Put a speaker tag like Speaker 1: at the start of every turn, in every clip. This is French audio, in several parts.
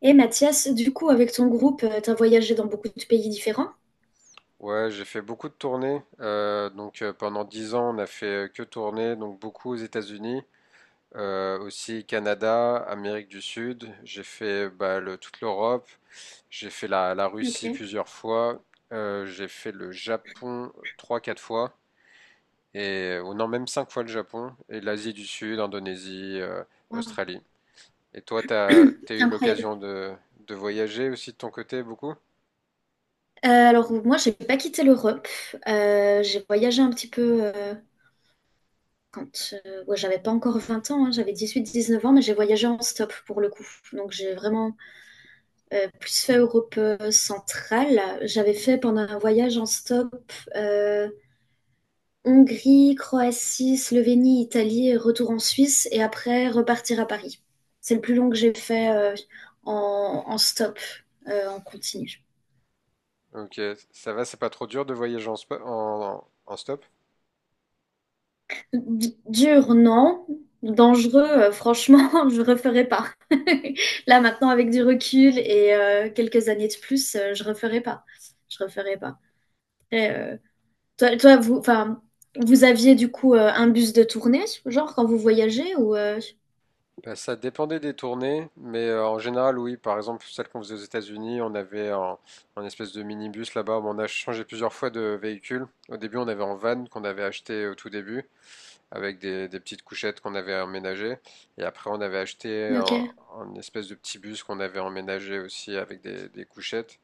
Speaker 1: Et Mathias, du coup, avec ton groupe, t'as voyagé dans beaucoup de pays différents.
Speaker 2: Ouais, j'ai fait beaucoup de tournées. Pendant 10 ans, on a fait que tourner, donc beaucoup aux États-Unis, aussi Canada, Amérique du Sud. J'ai fait toute l'Europe. J'ai fait la
Speaker 1: Ok.
Speaker 2: Russie plusieurs fois. J'ai fait le Japon trois, quatre fois. Et, ou non, même 5 fois le Japon. Et l'Asie du Sud, Indonésie,
Speaker 1: Wow.
Speaker 2: Australie. Et toi, t'as eu
Speaker 1: Incroyable.
Speaker 2: l'occasion de voyager aussi de ton côté beaucoup?
Speaker 1: Alors, moi, j'ai pas quitté l'Europe. J'ai voyagé un petit peu quand ouais, j'avais pas encore 20 ans, hein, j'avais 18 19 ans, mais j'ai voyagé en stop pour le coup. Donc, j'ai vraiment plus fait Europe centrale. J'avais fait pendant un voyage en stop euh, Hongrie, Croatie, Slovénie, Italie, et retour en Suisse et après repartir à Paris. C'est le plus long que j'ai fait en, en stop, en continu.
Speaker 2: Ok, ça va, c'est pas trop dur de voyager en stop?
Speaker 1: D- dur, non. Dangereux, franchement, je referai pas. Là maintenant, avec du recul et quelques années de plus, je referai pas. Je referai pas. Après, toi, toi, vous, enfin, vous aviez du coup un bus de tournée, genre quand vous voyagez ou
Speaker 2: Ben ça dépendait des tournées, mais en général, oui. Par exemple, celle qu'on faisait aux États-Unis, on avait un espèce de minibus là-bas. Bon, on a changé plusieurs fois de véhicule. Au début, on avait un van qu'on avait acheté au tout début, avec des petites couchettes qu'on avait emménagées. Et après, on avait acheté
Speaker 1: ok,
Speaker 2: un espèce de petit bus qu'on avait emménagé aussi avec des couchettes.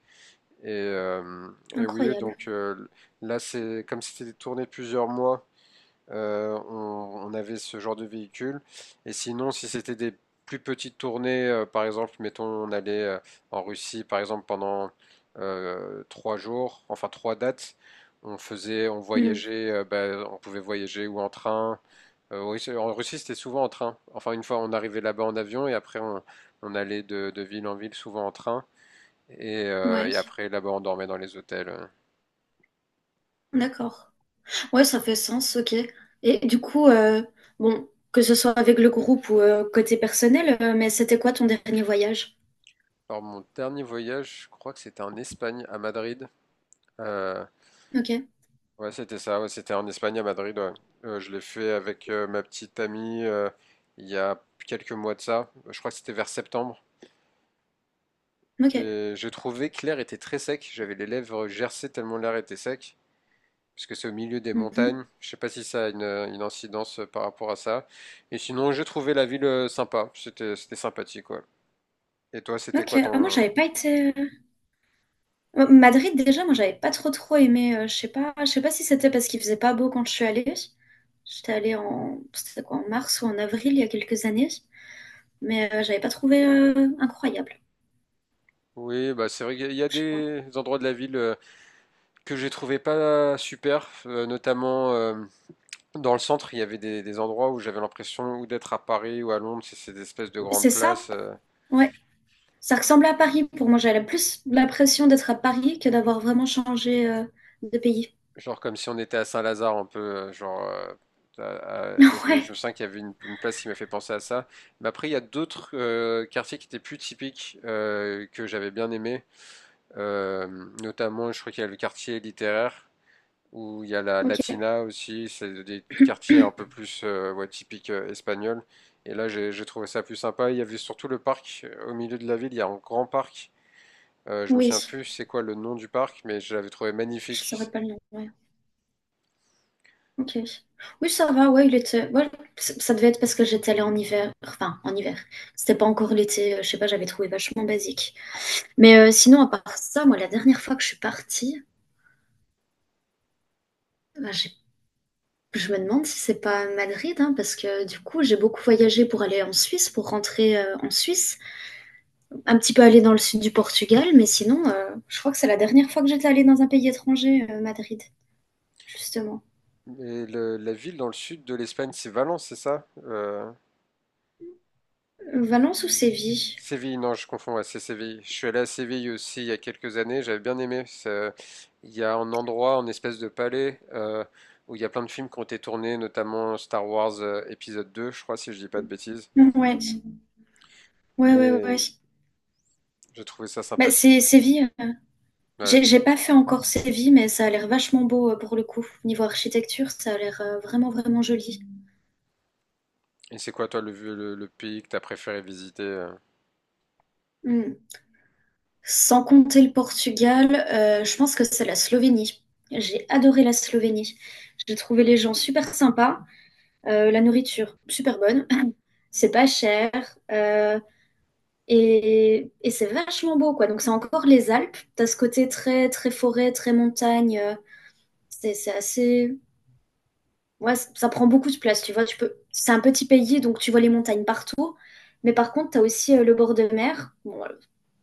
Speaker 2: Et, euh, et oui,
Speaker 1: incroyable.
Speaker 2: là, c'est comme c'était tourné plusieurs mois on avait ce genre de véhicule. Et sinon, si c'était des plus petites tournées, par exemple, mettons, on allait en Russie, par exemple, pendant 3 jours, enfin trois dates, on
Speaker 1: Hmm,
Speaker 2: voyageait, on pouvait voyager ou en train. Oui, en Russie, c'était souvent en train. Enfin, une fois, on arrivait là-bas en avion et après, on allait de ville en ville, souvent en train. Et, euh,
Speaker 1: ouais.
Speaker 2: et après, là-bas, on dormait dans les hôtels.
Speaker 1: D'accord. Ouais, ça fait sens, ok. Et du coup, bon, que ce soit avec le groupe ou côté personnel, mais c'était quoi ton dernier voyage?
Speaker 2: Alors, mon dernier voyage, je crois que c'était en Espagne, à Madrid. Euh,
Speaker 1: Ok,
Speaker 2: Ouais, c'était ça. Ouais, c'était en Espagne, à Madrid. Ouais. Je l'ai fait avec ma petite amie il y a quelques mois de ça. Je crois que c'était vers septembre.
Speaker 1: ok.
Speaker 2: Et j'ai trouvé que l'air était très sec. J'avais les lèvres gercées tellement l'air était sec. Parce que c'est au milieu des
Speaker 1: Mhm.
Speaker 2: montagnes. Je sais pas si ça a une incidence par rapport à ça. Et sinon, j'ai trouvé la ville sympa. C'était sympathique, ouais. Et toi, c'était
Speaker 1: Ok,
Speaker 2: quoi
Speaker 1: ah, moi
Speaker 2: ton…
Speaker 1: j'avais pas été. Madrid déjà, moi j'avais pas trop trop aimé. Je sais pas si c'était parce qu'il faisait pas beau quand je suis allée. J'étais allée en, c'était quoi, en mars ou en avril il y a quelques années, mais j'avais pas trouvé incroyable.
Speaker 2: Oui, bah c'est vrai qu'il y a
Speaker 1: Je sais pas.
Speaker 2: des endroits de la ville que j'ai trouvé pas super, notamment dans le centre, il y avait des endroits où j'avais l'impression ou d'être à Paris ou à Londres, c'est ces espèces de grandes
Speaker 1: C'est ça?
Speaker 2: places,
Speaker 1: Ouais. Ça ressemble à Paris pour moi. J'avais plus l'impression d'être à Paris que d'avoir vraiment changé de pays.
Speaker 2: genre comme si on était à Saint-Lazare un peu, genre il y avait, je
Speaker 1: Ouais,
Speaker 2: sens qu'il y avait une place qui m'a fait penser à ça. Mais après, il y a d'autres quartiers qui étaient plus typiques que j'avais bien aimé. Euh, Notamment, je crois qu'il y a le quartier littéraire où il y a la
Speaker 1: ok.
Speaker 2: Latina aussi, c'est des quartiers un peu plus ouais, typiques espagnols. Et là, j'ai trouvé ça plus sympa. Il y avait surtout le parc au milieu de la ville, il y a un grand parc. Je me
Speaker 1: Oui,
Speaker 2: souviens plus c'est quoi le nom du parc, mais je l'avais trouvé
Speaker 1: je saurais
Speaker 2: magnifique.
Speaker 1: pas le nom. Ouais. Ok. Oui, ça va. Ouais, il était. Ouais, c- ça devait être parce que j'étais allée en hiver. Enfin, en hiver. C'était pas encore l'été. Je sais pas. J'avais trouvé vachement basique. Mais sinon, à part ça, moi, la dernière fois que je suis partie, bah, j'ai- je me demande si c'est pas Madrid, hein, parce que du coup, j'ai beaucoup voyagé pour aller en Suisse, pour rentrer en Suisse. Un petit peu allée dans le sud du Portugal, mais sinon, je crois que c'est la dernière fois que j'étais allée dans un pays étranger, Madrid, justement.
Speaker 2: Et la ville dans le sud de l'Espagne, c'est Valence, c'est ça?
Speaker 1: Valence ou Séville?
Speaker 2: Séville, non, je confonds, ouais, c'est Séville. Je suis allé à Séville aussi il y a quelques années, j'avais bien aimé. Il y a un endroit, une espèce de palais, où il y a plein de films qui ont été tournés, notamment Star Wars épisode 2, je crois, si je dis pas de bêtises.
Speaker 1: Ouais, ouais, ouais,
Speaker 2: Et
Speaker 1: ouais.
Speaker 2: j'ai trouvé ça
Speaker 1: Bah, c'est
Speaker 2: sympathique.
Speaker 1: Séville. Euh,
Speaker 2: Ouais.
Speaker 1: j'ai pas fait encore Séville, mais ça a l'air vachement beau pour le coup. Niveau architecture, ça a l'air vraiment, vraiment joli.
Speaker 2: Et c'est quoi, toi, le pays que t'as préféré visiter?
Speaker 1: Hmm. Sans compter le Portugal, je pense que c'est la Slovénie. J'ai adoré la Slovénie. J'ai trouvé les gens super sympas. La nourriture, super bonne. C'est pas cher. euh, et c'est vachement beau, quoi. Donc, c'est encore les Alpes. T'as ce côté très, très forêt, très montagne. C'est assez. Ouais, c- ça prend beaucoup de place, tu vois. Tu peux... C'est un petit pays, donc tu vois les montagnes partout. Mais par contre, t'as aussi le bord de mer. Bon,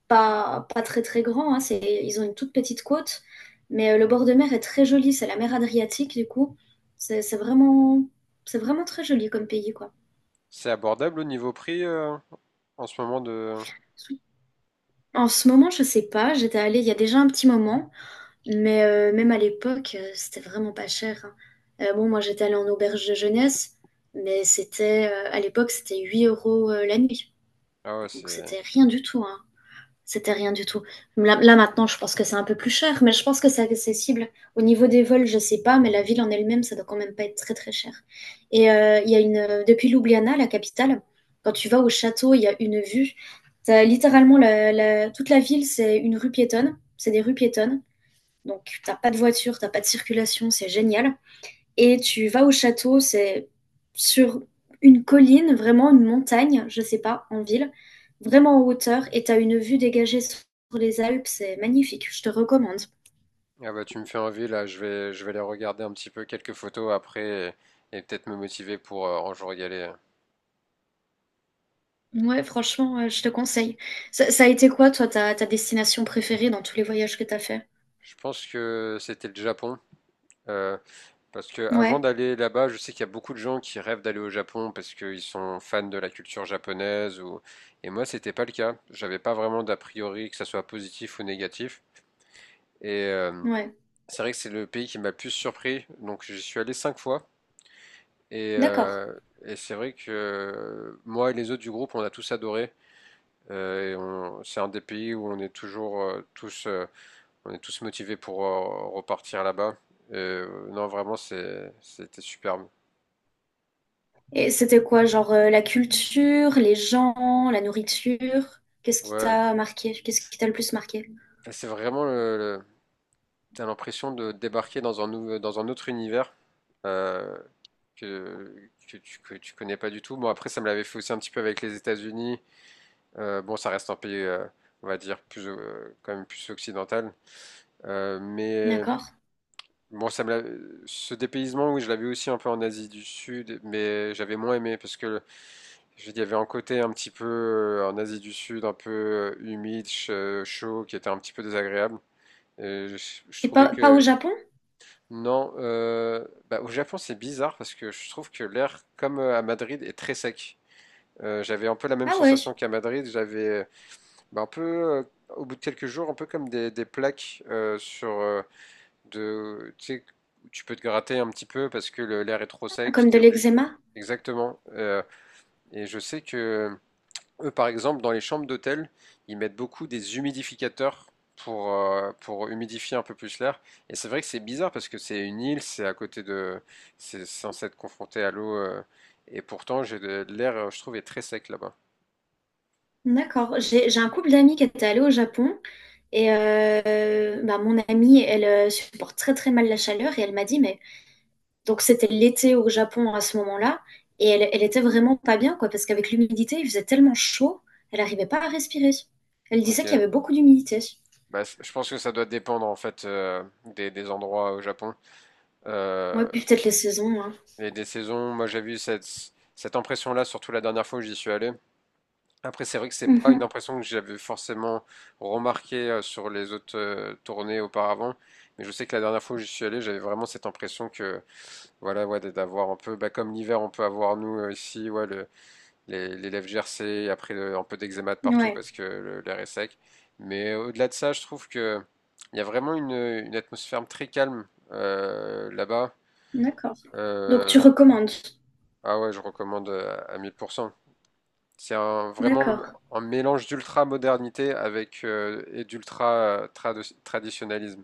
Speaker 1: pas, pas très, très grand. Hein, c'est... Ils ont une toute petite côte. Mais le bord de mer est très joli. C'est la mer Adriatique, du coup. C'est c'est vraiment... c'est vraiment très joli comme pays, quoi.
Speaker 2: C'est abordable au niveau prix, en ce moment de…
Speaker 1: En ce moment, je sais pas. J'étais allée il y a déjà un petit moment, mais même à l'époque, c'était vraiment pas cher, hein. Bon, moi, j'étais allée en auberge de jeunesse, mais c'était à l'époque, c'était 8 € la nuit.
Speaker 2: Ah ouais,
Speaker 1: Donc,
Speaker 2: c'est…
Speaker 1: c'était rien du tout, hein. C'était rien du tout. Là, là, maintenant, je pense que c'est un peu plus cher, mais je pense que c'est accessible. Au niveau des vols, je sais pas, mais la ville en elle-même, ça doit quand même pas être très très cher. Et il y a une depuis Ljubljana, la capitale, quand tu vas au château, il y a une vue. T'as littéralement la- la- toute la ville, c'est une rue piétonne, c'est des rues piétonnes. Donc t'as pas de voiture, t'as pas de circulation, c'est génial. Et tu vas au château, c'est sur une colline, vraiment une montagne, je sais pas, en ville, vraiment en hauteur, et tu as une vue dégagée sur les Alpes, c'est magnifique, je te recommande.
Speaker 2: Ah bah, tu me fais envie, là, je vais aller regarder un petit peu quelques photos après et peut-être me motiver pour un jour y aller.
Speaker 1: Ouais, franchement, je te conseille. Ça a été quoi, toi, ta, ta destination préférée dans tous les voyages que t'as as fait?
Speaker 2: Je pense que c'était le Japon. euh, Parce que avant
Speaker 1: Ouais,
Speaker 2: d'aller là-bas, je sais qu'il y a beaucoup de gens qui rêvent d'aller au Japon parce qu'ils sont fans de la culture japonaise ou… Et moi, c'était pas le cas. J'avais pas vraiment d'a priori que ça soit positif ou négatif. Et euh,
Speaker 1: ouais,
Speaker 2: c'est vrai que c'est le pays qui m'a le plus surpris. Donc j'y suis allé cinq fois. Et,
Speaker 1: d'accord.
Speaker 2: euh, et c'est vrai que moi et les autres du groupe, on a tous adoré. C'est un des pays où on est toujours tous on est tous motivés pour repartir là-bas. Non, vraiment, c'était superbe.
Speaker 1: Et c'était quoi, genre la culture, les gens, la nourriture? Qu'est-ce qui
Speaker 2: Ouais.
Speaker 1: t'a marqué? Qu'est-ce qui t'a le plus marqué?
Speaker 2: C'est vraiment t'as l'impression de débarquer dans un dans un autre univers euh, que, que tu connais pas du tout. Bon, après, ça me l'avait fait aussi un petit peu avec les États-Unis. Bon, ça reste un pays, on va dire, quand même plus occidental. Euh, mais
Speaker 1: D'accord.
Speaker 2: bon, ça me l'a- Ce dépaysement, oui, je l'avais aussi un peu en Asie du Sud, mais j'avais moins aimé parce que, je veux dire, il y avait un côté un petit peu en Asie du Sud, un peu humide, chaud, qui était un petit peu désagréable. Et je
Speaker 1: Et
Speaker 2: trouvais
Speaker 1: pas, pas au
Speaker 2: que
Speaker 1: Japon?
Speaker 2: non, au Japon c'est bizarre parce que je trouve que l'air, comme à Madrid, est très sec. J'avais un peu la même
Speaker 1: Ah ouais,
Speaker 2: sensation qu'à Madrid. J'avais un peu, au bout de quelques jours, un peu comme des plaques sur de, tu sais, où tu peux te gratter un petit peu parce que l'air est trop sec.
Speaker 1: comme de
Speaker 2: T'es obligé.
Speaker 1: l'eczéma?
Speaker 2: Exactement. Et je sais que eux, par exemple, dans les chambres d'hôtel, ils mettent beaucoup des humidificateurs pour humidifier un peu plus l'air. Et c'est vrai que c'est bizarre parce que c'est une île, c'est à côté de, c'est censé être confronté à l'eau. Et pourtant, j'ai de l'air, je trouve, est très sec là-bas.
Speaker 1: D'accord. J'ai un couple d'amis qui étaient allés au Japon et bah, mon amie, elle supporte très très mal la chaleur et elle m'a dit, mais donc c'était l'été au Japon à ce moment-là et elle, elle était vraiment pas bien quoi parce qu'avec l'humidité, il faisait tellement chaud, elle n'arrivait pas à respirer. Elle
Speaker 2: Ok.
Speaker 1: disait qu'il y avait beaucoup d'humidité.
Speaker 2: Bah, je pense que ça doit dépendre en fait des endroits au Japon
Speaker 1: Ouais,
Speaker 2: euh,
Speaker 1: puis peut-être les saisons, hein.
Speaker 2: et des saisons. Moi, j'ai vu cette impression-là, surtout la dernière fois où j'y suis allé. Après, c'est vrai que c'est pas une
Speaker 1: Mhm.
Speaker 2: impression que j'avais forcément remarquée sur les autres tournées auparavant, mais je sais que la dernière fois où j'y suis allé, j'avais vraiment cette impression que, voilà, ouais, d'avoir un peu, bah, comme l'hiver, on peut avoir nous ici, ouais, les lèvres gercées, et après un peu d'eczéma de partout
Speaker 1: Ouais,
Speaker 2: parce que l'air est sec. Mais au-delà de ça, je trouve que il y a vraiment une atmosphère très calme là-bas.
Speaker 1: d'accord. Donc tu
Speaker 2: Euh,
Speaker 1: recommandes.
Speaker 2: ah ouais, je recommande à 1000%. Vraiment
Speaker 1: D'accord,
Speaker 2: un mélange d'ultra-modernité avec et d'ultra-traditionnalisme.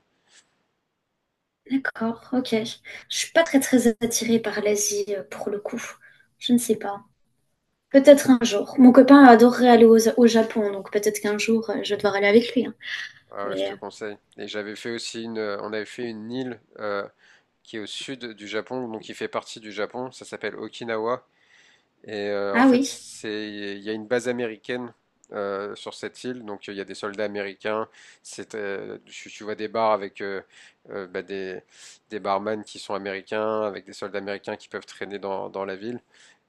Speaker 1: d'accord, ok. Je suis pas très très attirée par l'Asie pour le coup. Je ne sais pas. Peut-être un jour. Mon copain adorerait aller au, au Japon, donc peut-être qu'un jour, je vais devoir aller avec lui, hein.
Speaker 2: Ah ouais, je
Speaker 1: Mais
Speaker 2: te conseille. Et j'avais fait aussi on avait fait une île qui est au sud du Japon, donc qui fait partie du Japon. Ça s'appelle Okinawa. En
Speaker 1: ah
Speaker 2: fait,
Speaker 1: oui,
Speaker 2: il y a une base américaine sur cette île, donc il y a des soldats américains. Tu vois des bars avec euh, bah, des, des barman qui sont américains, avec des soldats américains qui peuvent traîner dans la ville.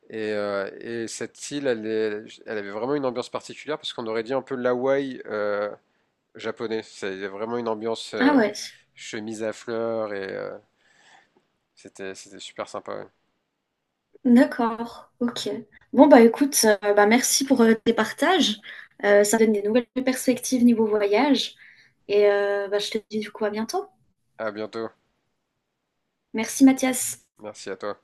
Speaker 2: Et cette île, elle avait vraiment une ambiance particulière parce qu'on aurait dit un peu l'Hawaï japonais. C'est il y a vraiment une ambiance
Speaker 1: ah ouais,
Speaker 2: chemise à fleurs c'était super sympa. Ouais.
Speaker 1: d'accord, ok. Bon bah écoute, bah merci pour tes partages. Ça donne des nouvelles perspectives niveau voyage. Et bah, je te dis du coup à bientôt.
Speaker 2: À bientôt.
Speaker 1: Merci Mathias.
Speaker 2: Merci à toi.